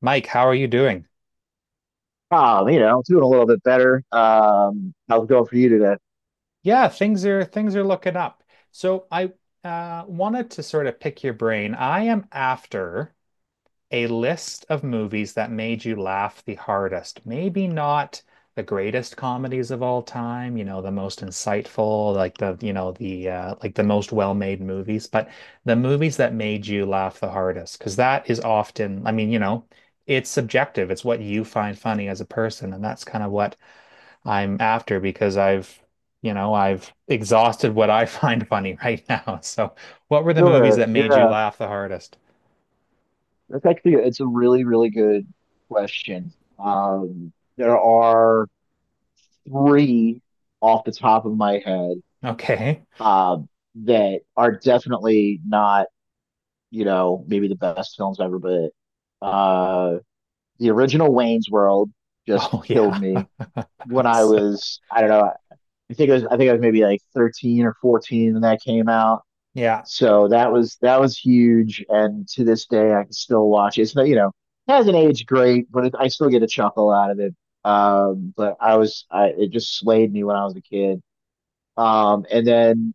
Mike, how are you doing? You know, doing a little bit better. How's it going for you today? Yeah, things are looking up. So I wanted to sort of pick your brain. I am after a list of movies that made you laugh the hardest. Maybe not the greatest comedies of all time, you know, the most insightful, like the, you know, the like the most well-made movies, but the movies that made you laugh the hardest, because that is often, I mean, you know, it's subjective. It's what you find funny as a person, and that's kind of what I'm after because I've exhausted what I find funny right now. So, what were the movies Sure. that made you Yeah. laugh the hardest? That's actually it's a really, really good question. There are three off the top of my head Okay. um that are definitely not, you know, maybe the best films ever, but uh the original Wayne's World just Oh, killed yeah. me when I So, was, I don't know, I think I was maybe like 13 or 14 when that came out. yeah. So that was huge, and to this day I can still watch it. It's not, you know, it hasn't aged great, but it, I still get a chuckle out of it. But I was I it just slayed me when I was a kid. And then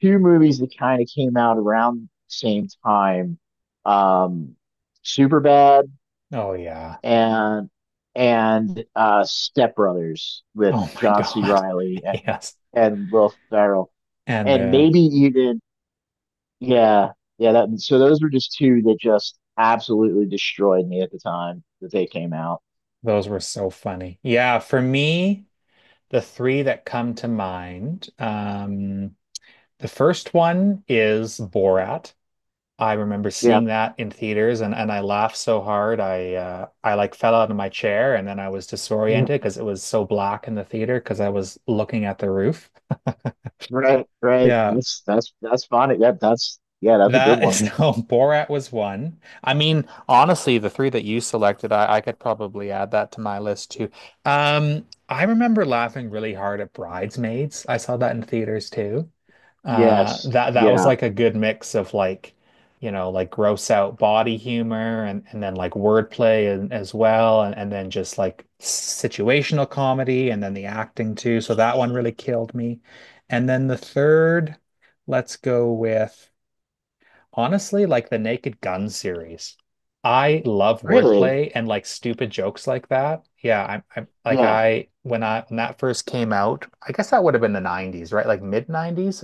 two movies that kind of came out around the same time, um, Superbad Oh, yeah. and Step Brothers with Oh, my John C. God. Riley Yes. and Will Ferrell, And and the, maybe even yeah, yeah. That so those were just two that just absolutely destroyed me at the time that they came out. those were so funny. Yeah. For me, the three that come to mind, the first one is Borat. I remember Yeah, seeing that in theaters and I laughed so hard I like fell out of my chair and then I was yeah, disoriented because it was so black in the theater because I was looking at the roof. right. Yeah, That's funny. That's yeah, that's a good that one. is no Borat was one. I mean, honestly, the three that you selected, I could probably add that to my list too. I remember laughing really hard at Bridesmaids. I saw that in theaters too. Yes, That that was yeah. like a good mix of like, you know, like gross out body humor and then like wordplay and as well, and then just like situational comedy and then the acting too. So that one really killed me. And then the third, let's go with honestly like the Naked Gun series. I love Really? wordplay and like stupid jokes like that. Yeah, I'm like Yeah, I when that first came out, I guess that would have been the 90s, right? Like mid 90s.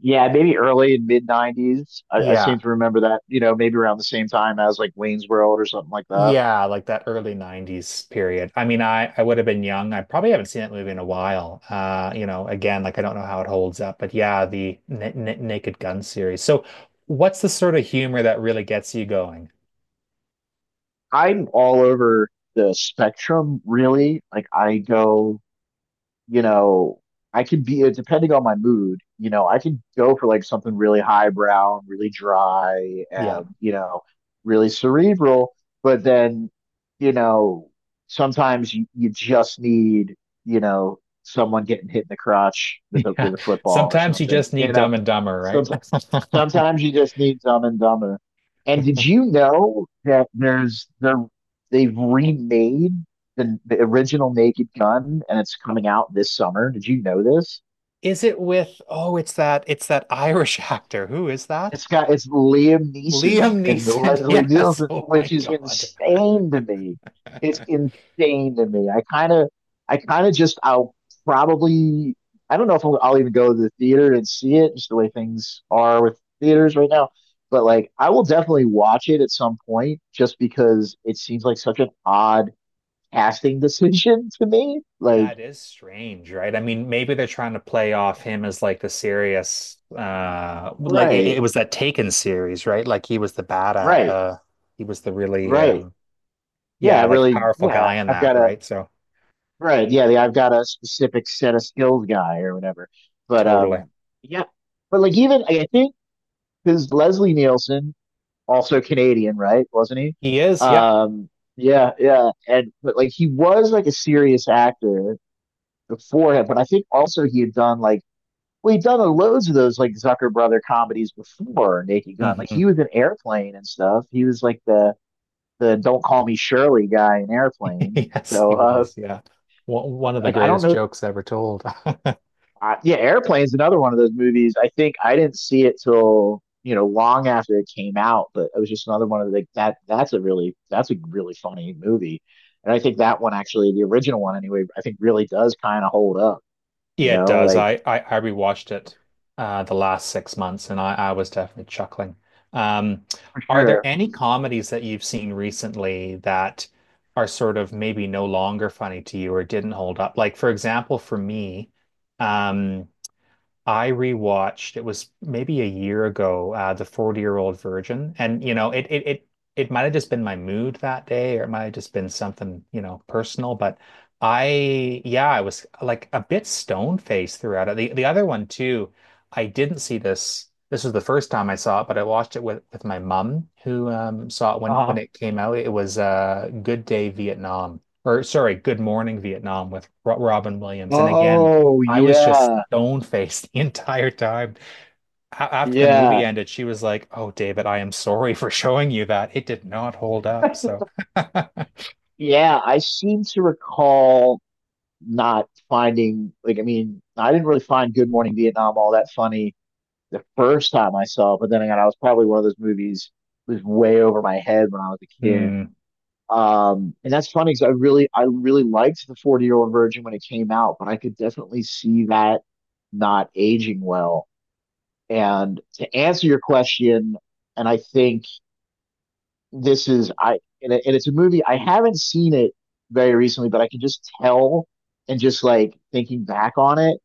yeah. Maybe early and mid '90s. I seem Yeah, to remember that. You know, maybe around the same time as like Wayne's World or something like that. Yeah, like that early 90s period. I mean, I would have been young. I probably haven't seen that movie in a while. You know, again, like I don't know how it holds up, but yeah, the N N Naked Gun series. So, what's the sort of humor that really gets you going? I'm all over the spectrum, really. Like I go. You know, I could be, depending on my mood, you know, I could go for like something really highbrow, and really dry, Yeah. and, you know, really cerebral. But then, you know, sometimes you just need, you know, someone getting hit in the crotch with Yeah. a football or Sometimes you something. just need You know, Dumb and Dumber, some right? sometimes you just need Dumb and Dumber. And did you know that there's they they've remade the original Naked Gun and it's coming out this summer? Did you know this? Is it with, oh, it's that Irish actor. Who is that? It's Liam Neeson Liam and Neeson. Leslie Yes. Nielsen, Oh my which is God. insane to me. It's insane to me. I kind of just, I'll probably, I don't know if I'll even go to the theater and see it, just the way things are with theaters right now. But like, I will definitely watch it at some point, just because it seems like such an odd casting decision to me. Like, That is strange, right? I mean, maybe they're trying to play off him as like the serious, like it right, was that Taken series, right? Like he was the bad, right, uh, he was the really, right. Yeah, Yeah, like really. powerful Yeah, guy in I've that, got to. right? So Right. Yeah. I've got a specific set of skills guy or whatever. But totally, yeah. But like even I think because Leslie Nielsen, also Canadian, right? Wasn't he? he is, yeah. Um, yeah, yeah. And but like he was like a serious actor beforehand, but I think also he had done like well, he'd done loads of those like Zucker Brother comedies before Naked Gun. Like he Hmm. was in Airplane and stuff. He was like the Don't Call Me Shirley guy in Airplane. Yes, So he was, yeah. One of the like I don't greatest know jokes ever told. Yeah, Airplane's another one of those movies. I think I didn't see it till you know long after it came out, but it was just another one of the, like that. That's a really funny movie, and I think that one actually, the original one anyway, I think really does kind of hold up. You Yeah, it know, does. like I rewatched it the last 6 months and I was definitely chuckling. Um, for are there sure. any comedies that you've seen recently that are sort of maybe no longer funny to you or didn't hold up? Like for example, for me, um I rewatched, it was maybe a year ago, The 40-Year-Old Virgin. And, you know, it might have just been my mood that day, or it might have just been something, you know, personal. But I, yeah, I was like a bit stone-faced throughout it. The other one too, I didn't see this. This was the first time I saw it, but I watched it with my mum who saw it when Uh-huh. it came out. It was Good Day Vietnam. Or sorry, Good Morning Vietnam with Ro Robin Williams. And again, Oh I was just yeah, stone faced the entire time. After the movie yeah, ended, she was like, "Oh, David, I am sorry for showing you that. It did not hold up." So, yeah. I seem to recall not finding like I mean I didn't really find Good Morning Vietnam all that funny the first time I saw it, but then again, I was probably one of those movies that was way over my head when I was a kid. hmm. And that's funny because I really liked the 40-year-old virgin when it came out, but I could definitely see that not aging well. And to answer your question, and I think this is, I, and, it, and it's a movie, I haven't seen it very recently, but I can just tell and just like thinking back on it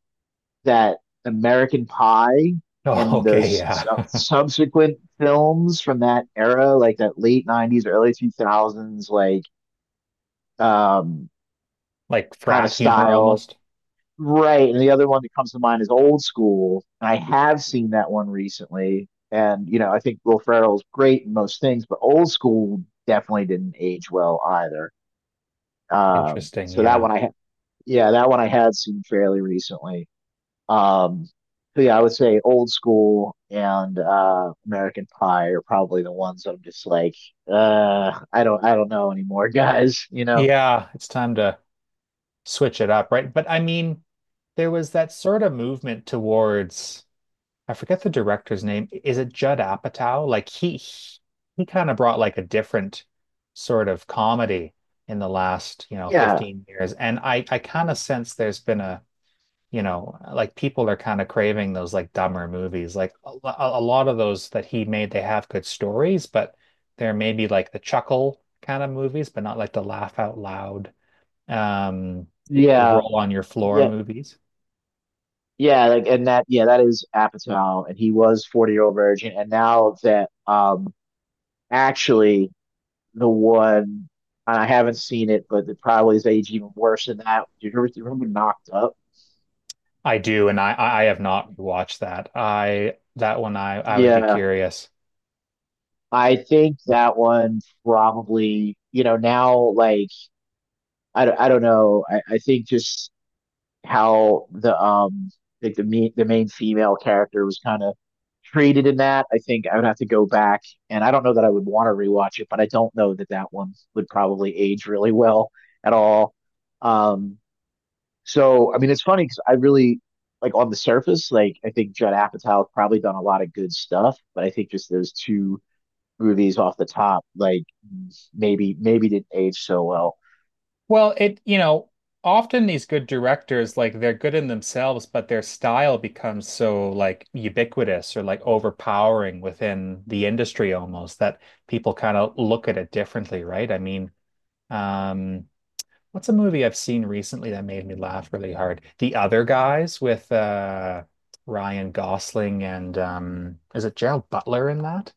that American Pie Oh, and okay, those yeah, subsequent films from that era, like that late 90s, early 2000s, like um, like kind of frat humor style. almost. Right. And the other one that comes to mind is Old School. And I have seen that one recently. And, you know, I think Will Ferrell's great in most things, but Old School definitely didn't age well either. Interesting, So that yeah, one I ha- yeah, that one I had seen fairly recently. Um, but yeah, I would say Old School and American Pie are probably the ones that I'm just like, I don't know anymore, guys. You know? yeah. It's time to switch it up, right? But I mean, there was that sort of movement towards. I forget the director's name. Is it Judd Apatow? Like he kind of brought like a different sort of comedy in the last, you know, Yeah, 15 years. And I kind of sense there's been a, you know, like people are kind of craving those like dumber movies. Like a lot of those that he made, they have good stories, but they're maybe like the chuckle kind of movies, but not like the laugh out loud, um, yeah, roll on your floor yeah, movies. yeah. Like, and that, yeah, that is Apatow, and he was 40 Year Old Virgin, and now that, actually, the one and I haven't seen it, but it probably is aged even worse than that. Do you remember Knocked Up? I do, and I have not watched that. I That one I would be Yeah, curious. I think that one probably, you know, now like I don't know. I think just how the like the main female character was kind of treated in that. I think I would have to go back, and I don't know that I would want to rewatch it, but I don't know that that one would probably age really well at all. Um, so I mean, it's funny because I really like on the surface, like I think Judd Apatow probably done a lot of good stuff, but I think just those two movies off the top, like maybe didn't age so well. Well, it you know, often these good directors like they're good in themselves, but their style becomes so like ubiquitous or like overpowering within the industry almost that people kind of look at it differently, right? I mean, um, what's a movie I've seen recently that made me laugh really hard? The Other Guys with Ryan Gosling and is it Gerald Butler in that?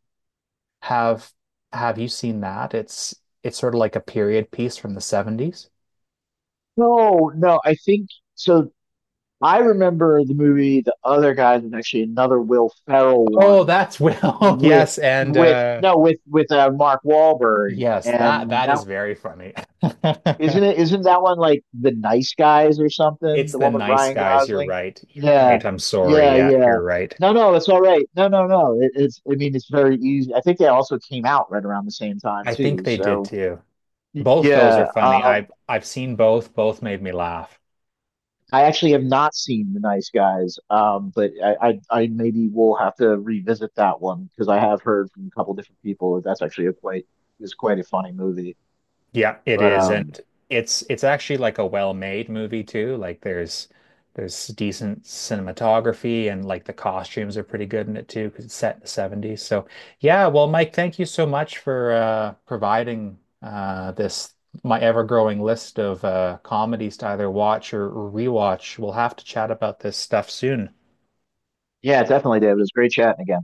Have have you seen that? It's sort of like a period piece from the 70s. No, no, I think so. I remember the movie The Other Guys was actually another Will Ferrell Oh, one that's Will. with Yes, and with no with with Mark Wahlberg yes, that and that is that very funny. isn't it isn't that one like The Nice Guys or something? It's The the one with nice Ryan guys, you're Gosling? right. You're Yeah. right. I'm sorry. Yeah, Yeah, yeah. you're right. No, no, it's all right. No, no, no. It's I mean it's very easy. I think they also came out right around the same time I think too. they did So too. Both those are yeah. funny. I've seen both. Both made me laugh. I actually have not seen The Nice Guys, but I maybe will have to revisit that one because I have heard from a couple different people that that's actually a quite is quite a funny movie. Yeah, it But is, and it's actually like a well-made movie too. Like there's decent cinematography and like the costumes are pretty good in it too because it's set in the 70s. So yeah, well, Mike, thank you so much for providing this my ever-growing list of comedies to either watch or rewatch. We'll have to chat about this stuff soon. yeah, definitely, David. It was great chatting again.